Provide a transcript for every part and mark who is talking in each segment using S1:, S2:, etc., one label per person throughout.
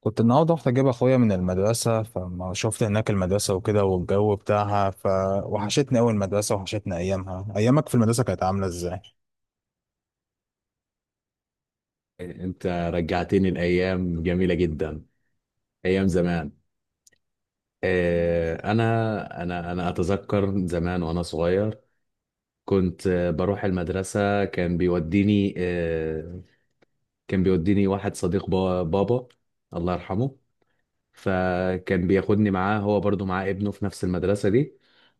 S1: كنت النهارده رحت اجيب اخويا من المدرسه، فما شفت هناك المدرسه وكده والجو بتاعها فوحشتني قوي المدرسه، وحشتني ايامها. ايامك في المدرسه كانت عامله ازاي؟
S2: انت رجعتني لايام جميله جدا. ايام زمان. انا اتذكر زمان وانا صغير. كنت بروح المدرسه. كان بيوديني كان بيوديني واحد صديق بابا، الله يرحمه. فكان بياخدني معاه، هو برضو معاه ابنه في نفس المدرسه دي.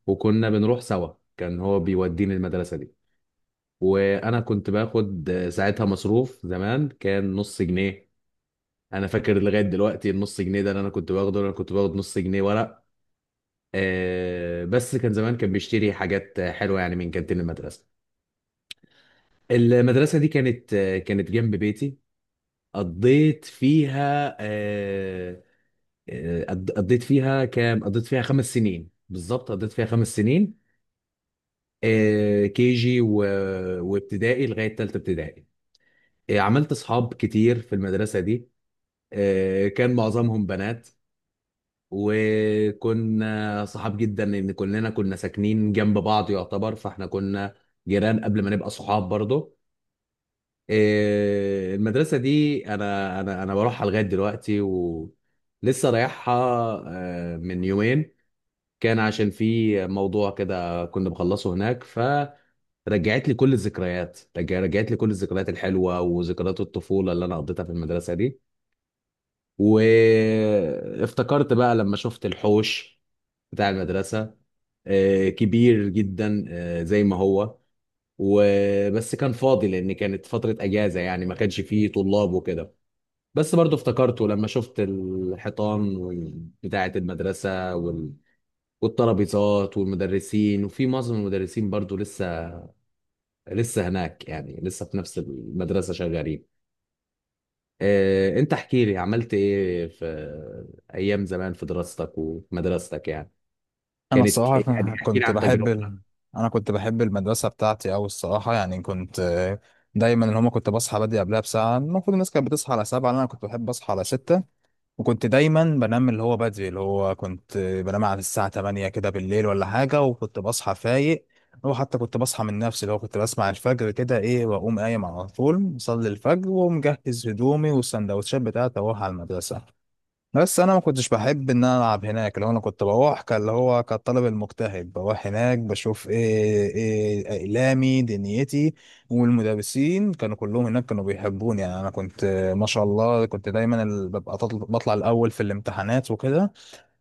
S2: وكنا بنروح سوا، كان هو بيوديني المدرسه دي. وانا كنت باخد ساعتها مصروف. زمان كان نص جنيه. انا فاكر لغايه دلوقتي النص جنيه ده اللي انا كنت باخده، انا كنت باخد نص جنيه ورق. بس كان زمان كان بيشتري حاجات حلوه يعني من كانتين المدرسه. المدرسه دي كانت كانت جنب بيتي. قضيت فيها. قضيت فيها كام، قضيت فيها 5 سنين بالظبط. قضيت فيها 5 سنين. كي جي و... وابتدائي لغايه ثالثه ابتدائي. عملت اصحاب كتير في المدرسه دي. كان معظمهم بنات. وكنا صحاب جدا لان كلنا كنا ساكنين جنب بعض يعتبر. فاحنا كنا جيران قبل ما نبقى صحاب برضه. إيه، المدرسه دي انا بروحها لغايه دلوقتي ولسه رايحها. من يومين كان عشان في موضوع كده كنا بخلصه هناك. فرجعت لي كل الذكريات، رجعت لي كل الذكريات الحلوه وذكريات الطفوله اللي انا قضيتها في المدرسه دي. وافتكرت بقى لما شفت الحوش بتاع المدرسة. كبير جدا، زي ما هو. وبس كان فاضي لأن كانت فترة أجازة يعني، ما كانش فيه طلاب وكده. بس برضو افتكرته لما شفت الحيطان بتاعة المدرسة وال... والترابيزات والمدرسين. وفي معظم المدرسين برضو لسه هناك يعني، لسه في نفس المدرسة شغالين. انت احكي لي عملت ايه في ايام زمان، في دراستك ومدرستك يعني.
S1: انا
S2: كانت
S1: الصراحه
S2: إيه؟ يعني احكي لي
S1: كنت
S2: عن
S1: بحب
S2: تجربتك.
S1: انا كنت بحب المدرسه بتاعتي، او الصراحه، يعني كنت دايما اللي هما كنت بصحى بدري قبلها بساعه. المفروض الناس كانت بتصحى على سبعة، انا كنت بحب اصحى على ستة. وكنت دايما بنام اللي هو بدري، اللي هو كنت بنام على الساعه 8 كده بالليل ولا حاجه، وكنت بصحى فايق. وحتى كنت بصحى من نفسي، اللي هو كنت بسمع الفجر كده ايه، واقوم قايم على طول اصلي الفجر ومجهز هدومي والسندوتشات بتاعتي اروح على المدرسه. بس انا ما كنتش بحب ان انا العب هناك، اللي هو انا كنت بروح كان اللي هو كالطالب المجتهد، بروح هناك بشوف ايه اقلامي دنيتي، والمدرسين كانوا كلهم هناك كانوا بيحبوني. يعني انا كنت ما شاء الله كنت دايما بطلع الاول في الامتحانات وكده.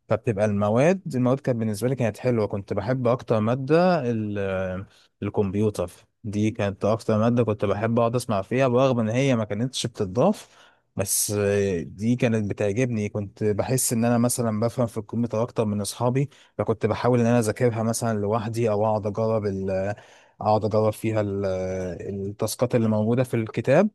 S1: فبتبقى المواد كانت بالنسبة لي كانت حلوة. كنت بحب أكتر مادة الكمبيوتر. دي كانت أكتر مادة كنت بحب أقعد أسمع فيها، برغم إن هي ما كانتش بتضاف. بس دي كانت بتعجبني، كنت بحس إن أنا مثلا بفهم في الكمبيوتر أكتر من أصحابي. فكنت بحاول إن أنا أذاكرها مثلا لوحدي، أو أقعد أجرب فيها التاسكات اللي موجودة في الكتاب،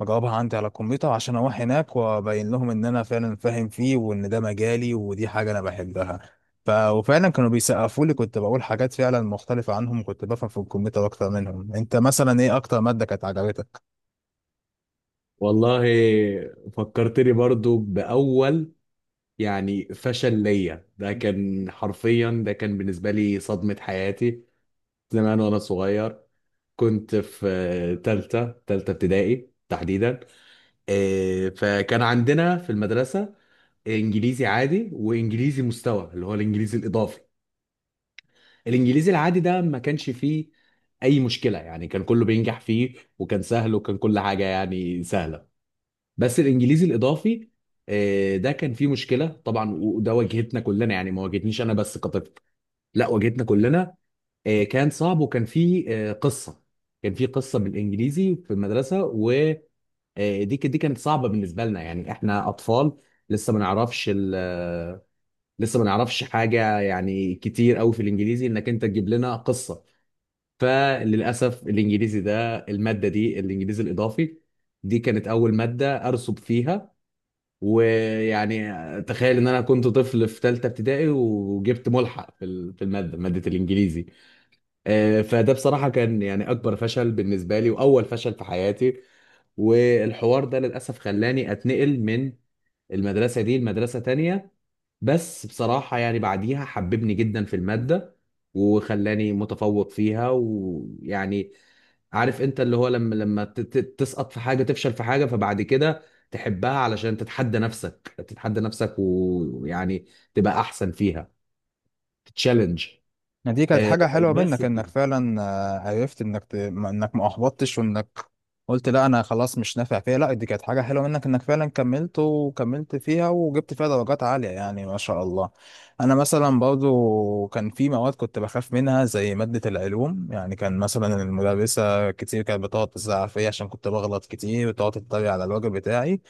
S1: بجاوبها عندي على الكمبيوتر عشان اروح هناك وابين لهم ان انا فعلا فاهم فيه، وان ده مجالي ودي حاجه انا بحبها. وفعلا كانوا بيسقفوا لي، كنت بقول حاجات فعلا مختلفه عنهم، كنت بفهم في الكمبيوتر اكتر منهم. انت مثلا ايه اكتر ماده كانت عجبتك؟
S2: والله، فكرتني برضو بأول يعني فشل ليا. ده كان حرفيا، ده كان بالنسبة لي صدمة حياتي. زمان وأنا صغير كنت في تالتة ابتدائي تحديدا. فكان عندنا في المدرسة إنجليزي عادي وإنجليزي مستوى اللي هو الإنجليزي الإضافي. الإنجليزي العادي ده ما كانش فيه أي مشكلة يعني، كان كله بينجح فيه، وكان سهل وكان كل حاجة يعني سهلة. بس الانجليزي الاضافي ده كان فيه مشكله طبعا. وده واجهتنا كلنا يعني، ما واجهتنيش انا بس كطفل، لا واجهتنا كلنا. كان صعب وكان فيه قصه. كان فيه قصه بالانجليزي في المدرسه، دي كانت صعبه بالنسبه لنا، يعني احنا اطفال لسه ما نعرفش لسه ما نعرفش حاجه يعني كتير قوي في الانجليزي انك انت تجيب لنا قصه. فللاسف الانجليزي ده، الماده دي الانجليزي الاضافي، دي كانت اول ماده ارسب فيها. ويعني تخيل ان انا كنت طفل في ثالثه ابتدائي وجبت ملحق في في الماده ماده الانجليزي. فده بصراحه كان يعني اكبر فشل بالنسبه لي واول فشل في حياتي. والحوار ده للاسف خلاني اتنقل من المدرسه دي لمدرسه تانية. بس بصراحه يعني بعديها حببني جدا في الماده، وخلاني متفوق فيها. ويعني عارف انت اللي هو لما تسقط في حاجه، تفشل في حاجه، فبعد كده تحبها علشان تتحدى نفسك، تتحدى نفسك ويعني تبقى احسن فيها، تتشالنج.
S1: ما دي كانت حاجة حلوة
S2: بس
S1: منك،
S2: كده.
S1: انك فعلا عرفت انك ما احبطتش، وانك قلت لا انا خلاص مش نافع فيها. لا دي كانت حاجة حلوة منك انك فعلا كملت وكملت فيها وجبت فيها درجات عالية، يعني ما شاء الله. انا مثلا برضو كان في مواد كنت بخاف منها زي مادة العلوم. يعني كان مثلا المدرسة كتير كانت بتقعد تزعق فيا عشان كنت بغلط كتير، وتقعد تتريق على الواجب بتاعي.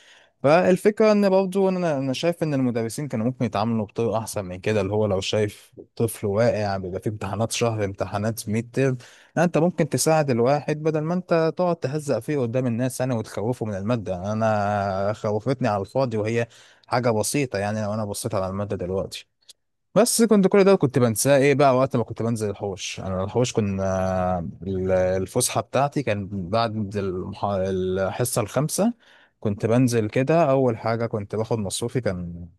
S1: فالفكرة ان برضه انا شايف ان المدرسين كانوا ممكن يتعاملوا بطريقة احسن من كده، اللي هو لو شايف طفل واقع بيبقى فيه امتحانات شهر، امتحانات ميد ترم، لا انت ممكن تساعد الواحد بدل ما انت تقعد تهزق فيه قدام الناس انا وتخوفه من المادة. انا خوفتني على الفاضي وهي حاجة بسيطة، يعني لو انا بصيت على المادة دلوقتي. بس كنت كل ده كنت بنساه ايه بقى وقت ما كنت بنزل الحوش. انا الحوش، كنا الفسحه بتاعتي كان بعد الحصه الخامسه. كنت بنزل كده، اول حاجه كنت باخد مصروفي، كان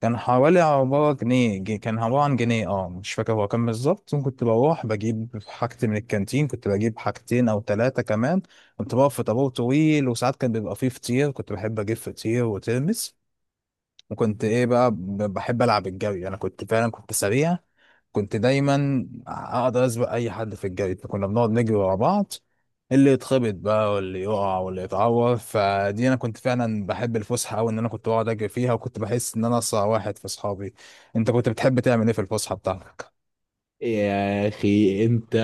S1: كان حوالي عبارة جنيه جي- كان عبارة عن جنيه، اه مش فاكر هو كان بالظبط. كنت بروح بجيب حاجتي من الكانتين، كنت بجيب حاجتين او ثلاثة كمان. كنت بقف في طابور طويل، وساعات كان بيبقى فيه فطير، كنت بحب اجيب فطير وترمس. وكنت ايه بقى بحب العب الجري. انا كنت فعلا كنت سريع، كنت دايما اقدر اسبق اي حد في الجري. كنا بنقعد نجري ورا بعض، اللي يتخبط بقى واللي يقع واللي يتعور. فدي انا كنت فعلا بحب الفسحه قوي، ان انا كنت بقعد اجري فيها وكنت بحس ان انا اسرع واحد في اصحابي. انت كنت بتحب تعمل ايه في الفسحه بتاعتك؟
S2: يا اخي انت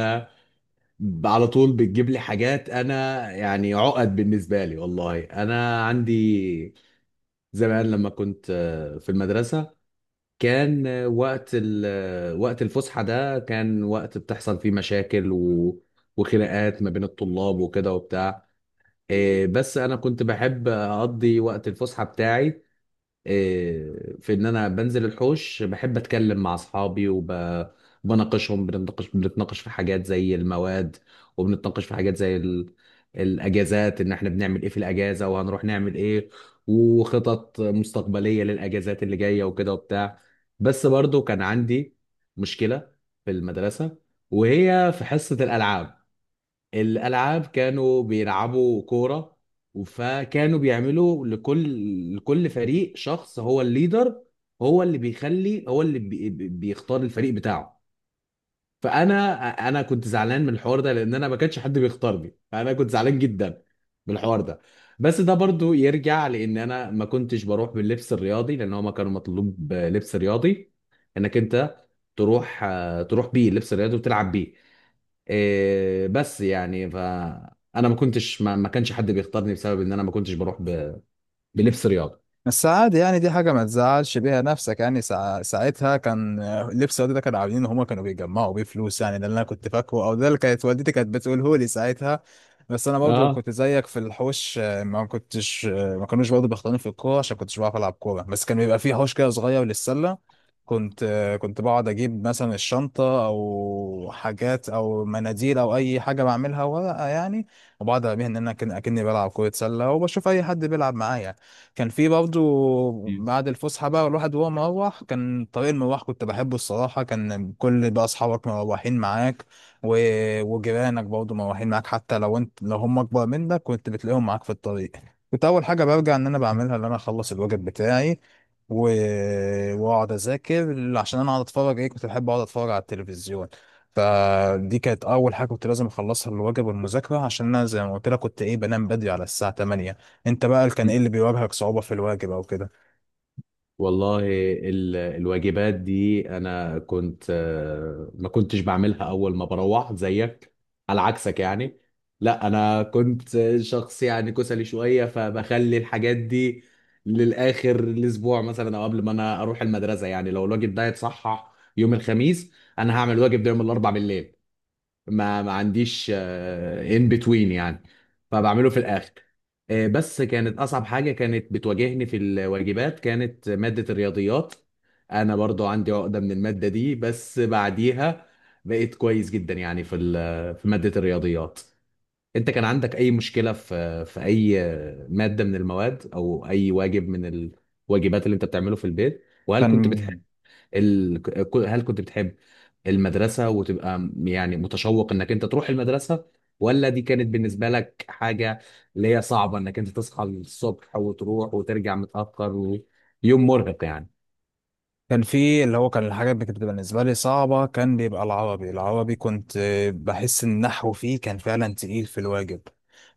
S2: على طول بتجيب لي حاجات انا يعني عقد بالنسبه لي. والله انا عندي زمان لما كنت في المدرسه، كان وقت وقت الفسحه ده كان وقت بتحصل فيه مشاكل و... وخناقات ما بين الطلاب وكده وبتاع. بس انا كنت بحب اقضي وقت الفسحه بتاعي في ان انا بنزل الحوش. بحب اتكلم مع اصحابي وبناقشهم، بنتناقش في حاجات زي المواد، وبنتناقش في حاجات زي الاجازات، ان احنا بنعمل ايه في الاجازه وهنروح نعمل ايه، وخطط مستقبليه للاجازات اللي جايه وكده وبتاع. بس برضو كان عندي مشكله في المدرسه، وهي في حصه الالعاب. الالعاب كانوا بيلعبوا كوره. فكانوا بيعملوا لكل فريق شخص هو الليدر. هو اللي بيخلي، هو اللي بيختار الفريق بتاعه. فانا كنت زعلان من الحوار ده لان انا ما كانش حد بيختارني، فانا كنت زعلان جدا من الحوار ده. بس ده برضو يرجع لان انا ما كنتش بروح باللبس الرياضي، لان هما كانوا مطلوب لبس رياضي انك انت تروح، تروح بيه اللبس الرياضي وتلعب بيه. إيه بس يعني فانا ما كنتش ما كانش حد بيختارني بسبب ان انا ما كنتش بروح ب... بلبس رياضه.
S1: بس عادي، يعني دي حاجة ما تزعلش بيها نفسك. يعني ساعتها كان لبس والدي ده كانوا عاملين ان هما كانوا بيجمعوا بيه فلوس، يعني ده اللي انا كنت فاكره، او ده اللي كانت والدتي كانت بتقوله لي ساعتها. بس انا برضو
S2: اه.
S1: كنت زيك في الحوش، ما كنتش ما كانوش برضو بيختاروني في الكورة عشان كنتش بعرف العب كورة. بس كان بيبقى فيه حوش كده صغير للسلة. كنت كنت بقعد اجيب مثلا الشنطة او حاجات او مناديل او اي حاجة بعملها ورقة يعني، وبقعد ارميها ان انا اكني بلعب كرة سلة، وبشوف اي حد بيلعب معايا. كان في برضه بعد الفسحة بقى، الواحد وهو مروح، كان طريق المروح كنت بحبه الصراحة. كان كل بقى أصحابك مروحين معاك و... وجيرانك برضه مروحين معاك، حتى لو انت لو هم أكبر منك كنت بتلاقيهم معاك في الطريق. كنت أول حاجة برجع إن أنا بعملها إن أنا أخلص الواجب بتاعي و... وأقعد أذاكر عشان أنا أقعد أتفرج. إيه، كنت بحب أقعد أتفرج على التلفزيون. فدي كانت أول حاجة كنت لازم أخلصها، الواجب والمذاكرة، عشان أنا زي ما قلت لك كنت إيه بنام بدري على الساعة 8. انت بقى كان ايه
S2: مم.
S1: اللي بيواجهك صعوبة في الواجب او كده؟
S2: والله، الواجبات دي انا كنت ما كنتش بعملها اول ما بروح زيك، على عكسك يعني. لا انا كنت شخص يعني كسلي شويه، فبخلي الحاجات دي للاخر الاسبوع مثلا او قبل ما انا اروح المدرسه يعني. لو الواجب ده يتصحح يوم الخميس انا هعمل الواجب ده يوم الاربع بالليل. ما عنديش ان بتوين يعني، فبعمله في الاخر. بس كانت اصعب حاجه كانت بتواجهني في الواجبات كانت ماده الرياضيات. انا برضو عندي عقده من الماده دي، بس بعديها بقيت كويس جدا يعني في ماده الرياضيات. انت كان عندك اي مشكله في اي ماده من المواد او اي واجب من الواجبات اللي انت بتعمله في البيت، وهل كنت
S1: كان
S2: بتحب هل كنت بتحب المدرسة وتبقى يعني متشوق انك انت تروح المدرسة، ولا دي كانت بالنسبة لك حاجة اللي هي صعبة انك انت تصحى الصبح وتروح وترجع متأخر ويوم مرهق يعني.
S1: كان الحاجات اللي كانت بتبقى بالنسبة لي صعبة. كان بيبقى العربي، كنت بحس ان النحو فيه كان فعلا تقيل في الواجب.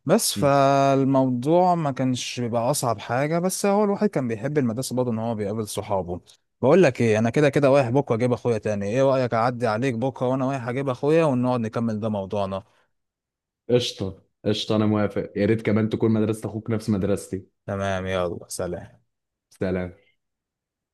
S1: بس
S2: مم.
S1: فالموضوع ما كانش بيبقى اصعب حاجة، بس هو الواحد كان بيحب المدرسة برضه ان هو بيقابل صحابه. بقول لك ايه، انا كده كده رايح بكرة اجيب اخويا تاني، ايه رأيك اعدي عليك بكرة وانا رايح اجيب اخويا ونقعد نكمل ده موضوعنا؟
S2: قشطة قشطة، أنا موافق. يا ريت كمان تكون مدرسة أخوك نفس مدرستي.
S1: تمام، يلا سلام.
S2: سلام.